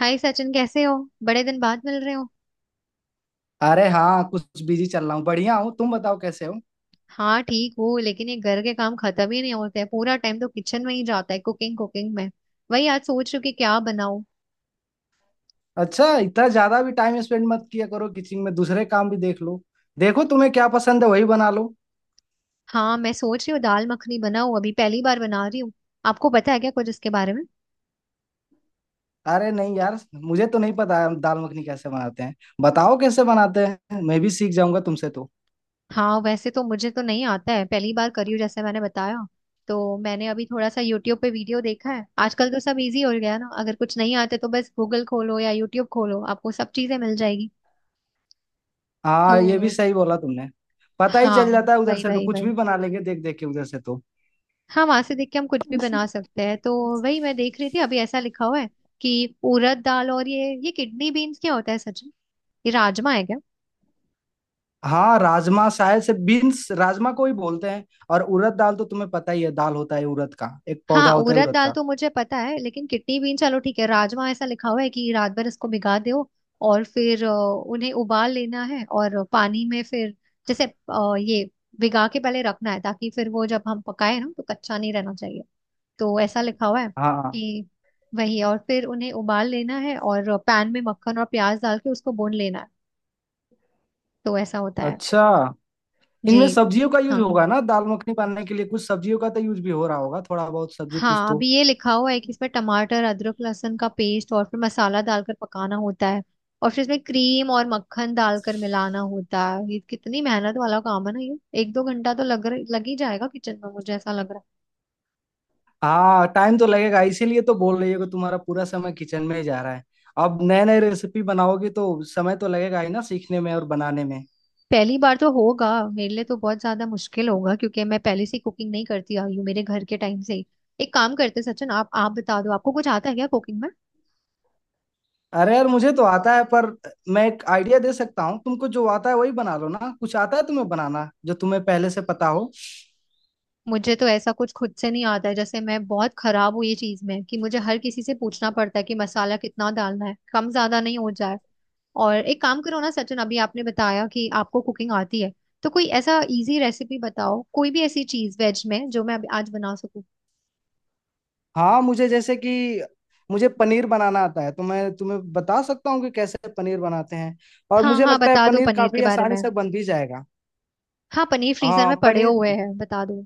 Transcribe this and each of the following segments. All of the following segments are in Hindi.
हाय सचिन, कैसे हो। बड़े दिन बाद मिल रहे हो। अरे हाँ, कुछ बिजी चल रहा हूँ। बढ़िया हूँ, तुम बताओ कैसे हो। हाँ ठीक हो, लेकिन ये घर के काम खत्म ही नहीं होते हैं। पूरा टाइम तो किचन में ही जाता है, कुकिंग कुकिंग में। वही आज सोच रही हूँ कि क्या बनाऊँ। अच्छा, इतना ज्यादा भी टाइम स्पेंड मत किया करो किचन में, दूसरे काम भी देख लो। देखो तुम्हें क्या पसंद है, वही बना लो। हाँ, मैं सोच रही हूँ दाल मखनी बनाऊँ, अभी पहली बार बना रही हूँ। आपको पता है क्या कुछ इसके बारे में? अरे नहीं यार, मुझे तो नहीं पता है दाल मखनी कैसे बनाते हैं। बताओ कैसे बनाते हैं, मैं भी सीख जाऊंगा तुमसे तो। हाँ, वैसे तो मुझे तो नहीं आता है, पहली बार करी हूँ जैसे मैंने बताया। तो मैंने अभी थोड़ा सा यूट्यूब पे वीडियो देखा है। आजकल तो सब इजी हो गया है ना, अगर कुछ नहीं आता तो बस गूगल खोलो या यूट्यूब खोलो, आपको सब चीजें मिल जाएगी। हाँ, ये भी तो सही बोला तुमने। पता ही हाँ, चल जाता है उधर वही से, तो वही कुछ वही। भी बना लेंगे देख देख के उधर से तो। हाँ, वहां से देख के हम कुछ भी बना सकते हैं तो। वही मैं देख रही थी, अभी ऐसा लिखा हुआ है कि उड़द दाल, और ये किडनी बीन्स क्या होता है सच में? ये राजमा है क्या? हाँ, राजमा शायद से, बीन्स राजमा को ही बोलते हैं। और उड़द दाल तो तुम्हें पता ही है, दाल होता है उड़द का, एक हाँ, पौधा होता है उड़द उड़द दाल का। तो मुझे पता है, लेकिन किडनी बीन, चलो ठीक है। राजमा ऐसा लिखा हुआ है कि रात भर इसको भिगा दो, और फिर उन्हें उबाल लेना है, और पानी में फिर जैसे ये भिगा के पहले रखना है, ताकि फिर वो जब हम पकाए ना तो कच्चा नहीं रहना चाहिए। तो ऐसा लिखा हुआ है हाँ। कि वही, और फिर उन्हें उबाल लेना है और पैन में मक्खन और प्याज डाल के उसको भून लेना है। तो ऐसा होता है। अच्छा, जी। इनमें सब्जियों का यूज हाँ होगा ना दाल मखनी बनाने के लिए, कुछ सब्जियों का तो यूज भी हो रहा होगा, थोड़ा बहुत सब्जी कुछ हाँ, अभी तो। ये लिखा हुआ है कि इसमें टमाटर अदरक लहसुन का पेस्ट और फिर मसाला डालकर पकाना होता है। और फिर इसमें क्रीम और मक्खन डालकर मिलाना होता है। ये कितनी मेहनत वाला काम है ना, ये एक दो घंटा तो लग ही जाएगा किचन में, मुझे ऐसा लग रहा है। हाँ, टाइम तो लगेगा, इसीलिए तो बोल रही हो कि तुम्हारा पूरा समय किचन में ही जा रहा है। अब नए नए रेसिपी बनाओगी तो समय तो लगेगा ही ना, सीखने में और बनाने में। पहली बार तो होगा मेरे लिए, तो बहुत ज्यादा मुश्किल होगा, क्योंकि मैं पहले से कुकिंग नहीं करती आई हूँ मेरे घर के टाइम से ही। एक काम करते सचिन, आप बता दो, आपको कुछ आता है क्या कुकिंग में? अरे यार, मुझे तो आता है, पर मैं एक आइडिया दे सकता हूँ तुमको, जो आता है वही बना लो ना, कुछ आता है तुम्हें बनाना जो तुम्हें पहले से पता हो। मुझे तो ऐसा कुछ खुद से नहीं आता है, जैसे मैं बहुत खराब हूँ ये चीज में, कि मुझे हर किसी से पूछना पड़ता है कि मसाला कितना डालना है, कम ज्यादा नहीं हो जाए। और एक काम करो ना सचिन, अभी आपने बताया कि आपको कुकिंग आती है, तो कोई ऐसा इजी रेसिपी बताओ, कोई भी ऐसी चीज वेज में जो मैं अभी आज बना सकूं। हाँ, मुझे जैसे कि मुझे पनीर बनाना आता है, तो मैं तुम्हें बता सकता हूँ कि कैसे पनीर बनाते हैं। और हाँ मुझे हाँ, लगता है बता दो पनीर पनीर के काफी बारे आसानी में। से बन भी जाएगा। हाँ, पनीर फ्रीजर हाँ, में पड़े पनीर। हुए हैं, बता दो।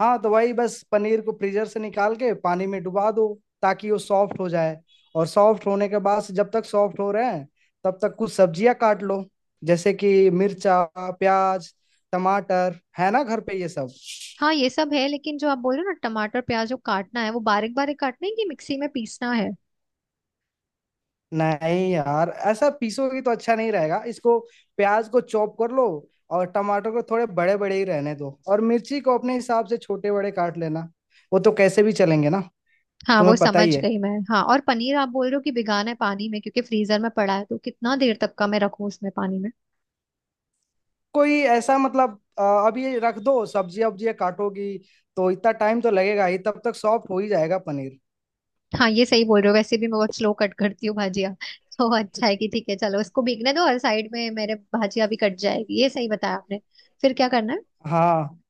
हाँ तो वही, बस पनीर को फ्रीजर से निकाल के पानी में डुबा दो, ताकि वो सॉफ्ट हो जाए। और सॉफ्ट होने के बाद से, जब तक सॉफ्ट हो रहे हैं, तब तक कुछ सब्जियां काट लो। जैसे कि मिर्चा, प्याज, टमाटर है ना घर पे ये सब। हाँ, ये सब है, लेकिन जो आप बोल रहे हो ना, टमाटर प्याज जो काटना है, वो बारीक बारीक काटना है कि मिक्सी में पीसना है? नहीं यार, ऐसा पीसोगे तो अच्छा नहीं रहेगा इसको। प्याज को चॉप कर लो, और टमाटर को थोड़े बड़े बड़े ही रहने दो, और मिर्ची को अपने हिसाब से छोटे बड़े काट लेना, वो तो कैसे भी चलेंगे ना। हाँ वो तुम्हें पता समझ ही है, गई मैं, हाँ। और पनीर आप बोल रहे हो कि भिगाना है पानी में, क्योंकि फ्रीजर में पड़ा है, तो कितना देर तक का मैं रखूँ उसमें पानी में? कोई ऐसा मतलब अब ये रख दो, सब्जी वब्जी काटोगी तो इतना टाइम तो लगेगा ही, तब तक सॉफ्ट हो ही जाएगा पनीर। हाँ, ये सही बोल रहे हो, वैसे भी मैं बहुत स्लो कट करती हूँ भाजिया। तो अच्छा है कि ठीक है, चलो इसको भीगने दो, और साइड में मेरे भाजिया भी कट जाएगी, ये सही बताया आपने। फिर क्या करना है? हाँ।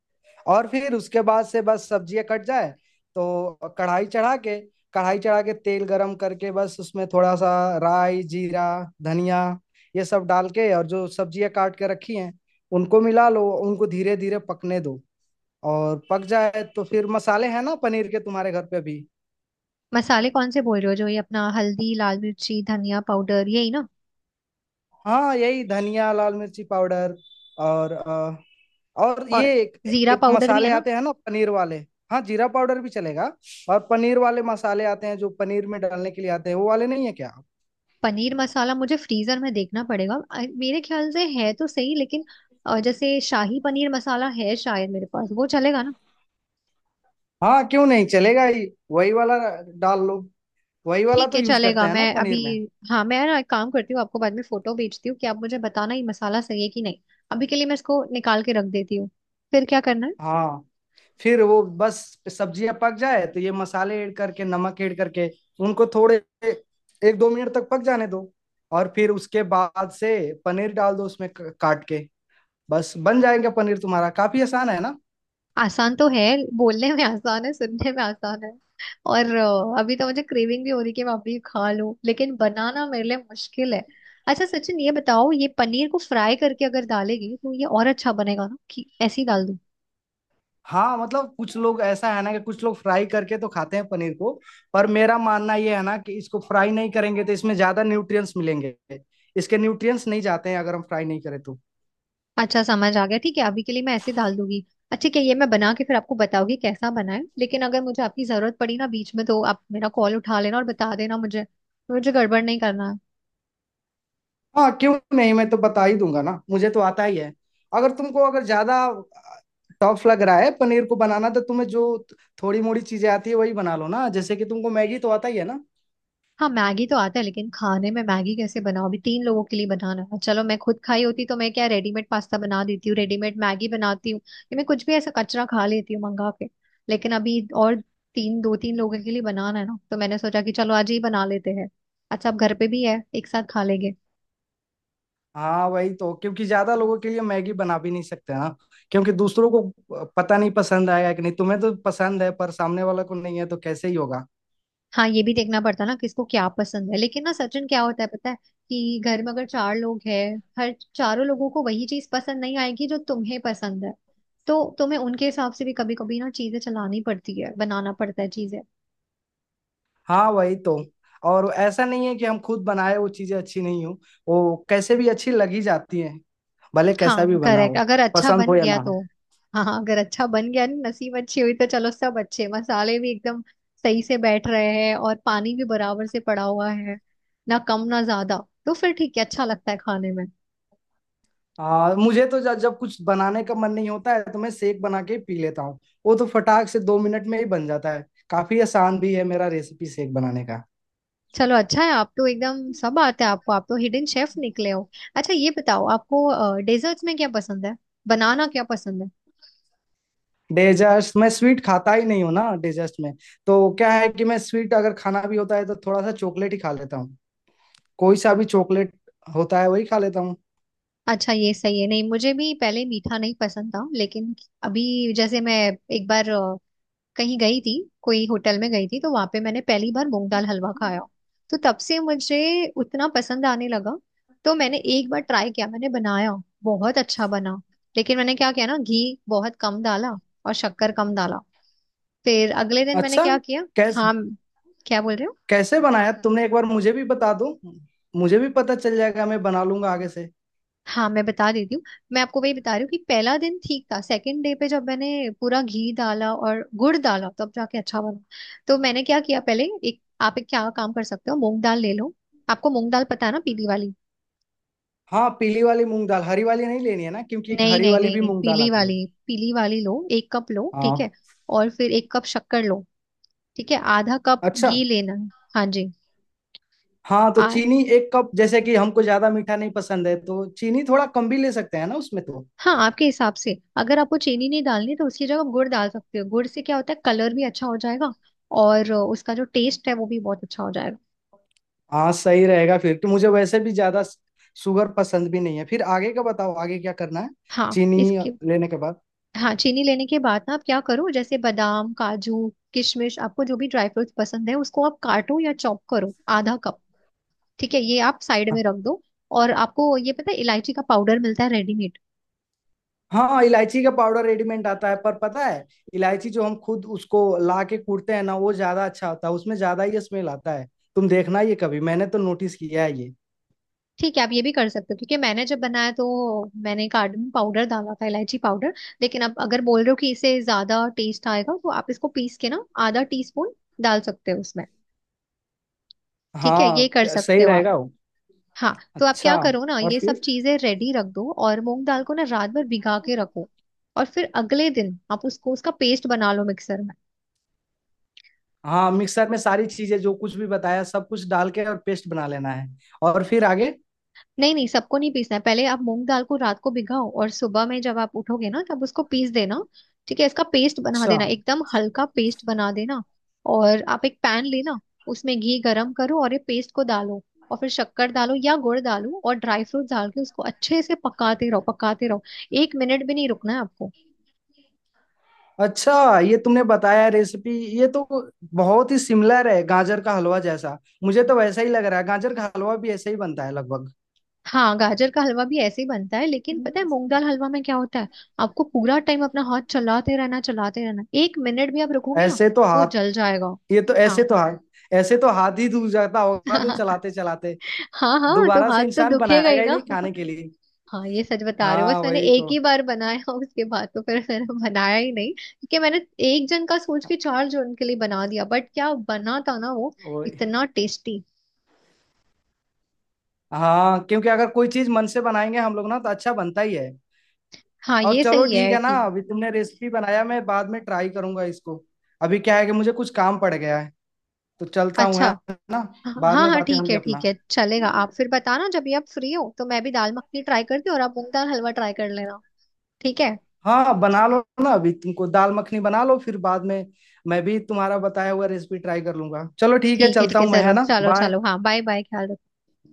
और फिर उसके बाद से बस सब्जियां कट जाए तो कढ़ाई चढ़ा के, कढ़ाई चढ़ा के तेल गरम करके, बस उसमें थोड़ा सा राई, जीरा, धनिया, ये सब डाल के, और जो सब्जियां काट के रखी हैं उनको मिला लो, उनको धीरे धीरे पकने दो। और पक जाए तो फिर मसाले हैं ना पनीर के तुम्हारे घर पे भी। मसाले कौन से बोल रहे हो? जो ये अपना हल्दी लाल मिर्ची धनिया पाउडर, यही ना? हाँ, यही धनिया, लाल मिर्ची पाउडर, और और और ये एक, जीरा एक पाउडर भी है मसाले ना। आते हैं ना पनीर वाले। हाँ, जीरा पाउडर भी चलेगा। और पनीर वाले मसाले आते हैं जो पनीर में डालने के लिए आते हैं, वो वाले नहीं है क्या। पनीर मसाला मुझे फ्रीजर में देखना पड़ेगा, मेरे ख्याल से है तो सही, लेकिन जैसे शाही पनीर मसाला है शायद मेरे पास, वो चलेगा ना? हाँ, क्यों नहीं, चलेगा ही। वही वाला डाल लो, वही वाला ठीक तो है यूज करते चलेगा, हैं मैं ना अभी। पनीर में। हाँ, मैं ना एक काम करती हूँ, आपको बाद में फोटो भेजती हूँ कि आप मुझे बताना ये मसाला सही है कि नहीं। अभी के लिए मैं इसको निकाल के रख देती हूँ। फिर क्या करना है? हाँ, फिर वो बस सब्जियां पक जाए तो ये मसाले ऐड करके, नमक ऐड करके उनको थोड़े एक दो मिनट तक पक जाने दो। और फिर उसके बाद से पनीर डाल दो उसमें काट के। बस बन जाएगा पनीर तुम्हारा, काफी आसान है ना। आसान तो है, बोलने में आसान है, सुनने में आसान है। और अभी तो मुझे क्रेविंग भी हो रही कि मैं अभी खा लूं, लेकिन बनाना मेरे लिए मुश्किल है। अच्छा सचिन ये बताओ, ये पनीर को फ्राई करके अगर डालेगी तो ये और अच्छा बनेगा ना, कि ऐसे ही डाल दूं? हाँ मतलब, कुछ लोग ऐसा है ना कि कुछ लोग फ्राई करके तो खाते हैं पनीर को, पर मेरा मानना ये है ना कि इसको फ्राई नहीं करेंगे तो इसमें ज्यादा न्यूट्रिएंट्स मिलेंगे। इसके न्यूट्रिएंट्स नहीं जाते हैं अगर हम फ्राई नहीं करें तो। अच्छा, समझ आ गया। ठीक है, अभी के लिए मैं ऐसे डाल दूंगी। अच्छा, क्या ये मैं बना के फिर आपको बताऊंगी कैसा बना है, लेकिन अगर मुझे आपकी जरूरत पड़ी ना बीच में, तो आप मेरा कॉल उठा लेना और बता देना मुझे। मुझे गड़बड़ नहीं करना है। हाँ क्यों नहीं, मैं तो बता ही दूंगा ना, मुझे तो आता ही है। अगर तुमको अगर ज्यादा टफ लग रहा है पनीर को बनाना, तो तुम्हें जो थोड़ी मोड़ी चीजें आती है वही बना लो ना, जैसे कि तुमको मैगी तो आता ही है ना। हाँ, मैगी तो आता है, लेकिन खाने में मैगी कैसे बनाओ, अभी तीन लोगों के लिए बनाना है। चलो, मैं खुद खाई होती तो मैं क्या, रेडीमेड पास्ता बना देती हूँ, रेडीमेड मैगी बनाती हूँ, ये मैं कुछ भी ऐसा कचरा खा लेती हूँ मंगा के। लेकिन अभी और तीन दो तीन लोगों के लिए बनाना है ना, तो मैंने सोचा कि चलो आज ही बना लेते हैं। अच्छा, अब घर पे भी है, एक साथ खा लेंगे। हाँ वही तो, क्योंकि ज्यादा लोगों के लिए मैगी बना भी नहीं सकते ना, क्योंकि दूसरों को पता नहीं पसंद आएगा कि नहीं, तुम्हें तो पसंद है पर सामने वाला को नहीं है तो कैसे ही होगा। हाँ, ये भी देखना पड़ता ना किसको क्या पसंद है। लेकिन ना सचिन क्या होता है पता है, कि घर में अगर चार लोग हैं, हर चारों लोगों को वही चीज पसंद नहीं आएगी जो तुम्हें पसंद है। तो तुम्हें उनके हिसाब से भी कभी कभी ना चीजें चलानी पड़ती है, बनाना पड़ता है चीजें। हाँ वही तो, और ऐसा नहीं है कि हम खुद बनाए वो चीजें अच्छी नहीं हो, वो कैसे भी अच्छी लग ही जाती है, भले कैसा भी हाँ बना करेक्ट, हो, अगर अच्छा पसंद हो बन या गया ना हो। तो। हाँ हाँ, अगर अच्छा बन गया ना, नसीब अच्छी हुई तो, चलो सब अच्छे मसाले भी एकदम सही से बैठ रहे हैं, और पानी भी बराबर से पड़ा हुआ है, ना कम ना ज्यादा, तो फिर ठीक है, अच्छा लगता है खाने में। मुझे तो जब जब कुछ बनाने का मन नहीं होता है तो मैं शेक बना के पी लेता हूँ। वो तो फटाक से दो मिनट में ही बन जाता है, काफी आसान भी है मेरा रेसिपी शेक बनाने का। चलो अच्छा है, आप तो एकदम सब आते हैं आपको, आप तो हिडन शेफ निकले हो। अच्छा ये बताओ आपको डेजर्ट्स में क्या पसंद है, बनाना क्या पसंद है? डेजर्ट्स, मैं स्वीट खाता ही नहीं हूँ ना डेजर्ट्स में। तो क्या है कि मैं स्वीट अगर खाना भी होता है तो थोड़ा सा चॉकलेट ही खा लेता हूँ, कोई सा भी चॉकलेट होता है वही खा लेता हूँ। अच्छा, ये सही है। नहीं, मुझे भी पहले मीठा नहीं पसंद था, लेकिन अभी जैसे मैं एक बार कहीं गई थी, कोई होटल में गई थी, तो वहां पे मैंने पहली बार मूंग दाल हलवा खाया। तो तब से मुझे उतना पसंद आने लगा। तो मैंने एक बार ट्राई किया, मैंने बनाया, बहुत अच्छा बना। लेकिन मैंने क्या किया ना, घी बहुत कम डाला, और शक्कर कम डाला। फिर अगले दिन मैंने अच्छा। क्या किया। कैस हाँ, क्या बोल रहे हो? कैसे बनाया तुमने, एक बार मुझे भी बता दो, मुझे भी पता चल जाएगा, मैं बना लूंगा आगे से। हाँ मैं बता देती हूँ। मैं आपको वही बता रही हूँ कि पहला दिन ठीक था, सेकंड डे पे जब मैंने पूरा घी डाला और गुड़ डाला तब जाके अच्छा बना। तो मैंने क्या किया पहले, एक आप एक क्या काम कर सकते हो, मूंग दाल ले लो। आपको मूंग दाल पता है ना, पीली वाली। हाँ, पीली वाली मूंग दाल, हरी वाली नहीं लेनी है ना, क्योंकि एक नहीं हरी नहीं वाली नहीं भी नहीं, मूंग दाल पीली आती है। वाली। पीली वाली लो, एक कप लो ठीक है। हाँ। और फिर एक कप शक्कर लो, ठीक है, आधा कप अच्छा। घी लेना है। हाँ जी। हाँ, तो आ, चीनी एक कप, जैसे कि हमको ज्यादा मीठा नहीं पसंद है तो चीनी थोड़ा कम भी ले सकते हैं ना उसमें तो। हाँ आपके हिसाब से, अगर आपको चीनी नहीं डालनी तो उसकी जगह आप गुड़ डाल सकते हो। गुड़ से क्या होता है, कलर भी अच्छा हो जाएगा। और उसका जो टेस्ट है वो भी बहुत अच्छा हो जाएगा। हाँ, सही रहेगा फिर तो, मुझे वैसे भी ज्यादा शुगर पसंद भी नहीं है। फिर आगे का बताओ, आगे क्या करना है, हाँ चीनी इसके, लेने के बाद। हाँ चीनी लेने के बाद ना, आप क्या करो जैसे बादाम काजू किशमिश, आपको जो भी ड्राई फ्रूट्स पसंद है उसको आप काटो या चॉप करो, आधा कप। ठीक है, ये आप साइड में रख दो। और आपको ये पता है, इलायची का पाउडर मिलता है रेडीमेड। हाँ हाँ, इलायची का पाउडर रेडीमेड आता है, पर पता है इलायची जो हम खुद उसको ला के कूटते हैं ना, वो ज्यादा अच्छा होता है, उसमें ज्यादा ही स्मेल आता है। तुम देखना ये, कभी मैंने तो नोटिस किया है ये। ठीक है, आप ये भी कर सकते हो, क्योंकि मैंने जब बनाया तो मैंने कार्डमम पाउडर डाला था, इलायची पाउडर। लेकिन आप अगर बोल रहे हो कि इससे ज्यादा टेस्ट आएगा, तो आप इसको पीस के ना आधा टी स्पून डाल सकते हो उसमें। ठीक है, हाँ ये कर सकते सही हो आप। रहेगा वो। हाँ तो आप अच्छा, क्या करो ना, और ये सब फिर? चीजें रेडी रख दो, और मूंग दाल को ना रात भर भिगा के रखो। और फिर अगले दिन आप उसको उसका पेस्ट बना लो मिक्सर में। हाँ, मिक्सर में सारी चीजें जो कुछ भी बताया सब कुछ डाल के और पेस्ट बना लेना है, और फिर आगे? नहीं नहीं, सबको नहीं पीसना है, पहले आप मूंग दाल को रात को भिगाओ, और सुबह में जब आप उठोगे ना, तब उसको पीस देना। ठीक है, इसका पेस्ट बना अच्छा। देना, एकदम हल्का पेस्ट बना देना। और आप एक पैन लेना, उसमें घी गरम करो और ये पेस्ट को डालो, और फिर शक्कर डालो या गुड़ डालो, और ड्राई फ्रूट डाल के उसको अच्छे से पकाते रहो पकाते रहो। एक मिनट भी नहीं रुकना है आपको। अच्छा, ये तुमने बताया रेसिपी, ये तो बहुत ही सिमिलर है गाजर का हलवा जैसा। मुझे तो वैसा ही लग रहा है, गाजर का हलवा भी ऐसे ही बनता है लगभग। हाँ, गाजर का हलवा भी ऐसे ही बनता है, लेकिन पता है मूंग दाल हलवा में क्या होता है, आपको पूरा टाइम अपना हाथ चलाते रहना चलाते रहना, एक मिनट भी आप रुकोगे ना, ऐसे तो तो वो हाथ जल जाएगा। ये तो ऐसे हाँ तो हाथ ऐसे तो हाथ ही दूर जाता होगा तो चलाते चलाते, हाँ हाँ, तो दोबारा हाथ से तो इंसान दुखेगा बनाएगा ही ही ना। नहीं खाने के लिए। हाँ, ये सच बता रहे हो। बस हाँ मैंने वही एक तो। ही बार बनाया उसके बाद तो फिर मैंने बनाया ही नहीं, क्योंकि मैंने एक जन का सोच के चार जन के लिए बना दिया, बट क्या बना था ना वो, वही। इतना टेस्टी। हाँ, क्योंकि अगर कोई चीज मन से बनाएंगे हम लोग ना तो अच्छा बनता ही है। हाँ, और ये चलो सही ठीक है है ना, कि। अभी तुमने रेसिपी बनाया, मैं बाद में ट्राई करूंगा इसको। अभी क्या है कि मुझे कुछ काम पड़ गया है, तो चलता हूँ अच्छा, है ना। हाँ बाद में हाँ बातें होंगी ठीक अपना। है चलेगा, आप फिर बताना जब भी आप फ्री हो, तो मैं भी दाल मखनी ट्राई करती हूँ, और आप मूंग दाल हलवा ट्राई कर लेना। ठीक है, हाँ बना लो ना, अभी तुमको दाल मखनी बना लो, फिर बाद में मैं भी तुम्हारा बताया हुआ रेसिपी ट्राई कर लूंगा। चलो ठीक है, ठीक है चलता ठीक है हूँ मैं है जरूर, ना, चलो बाय। चलो, हाँ बाय बाय, ख्याल रखो।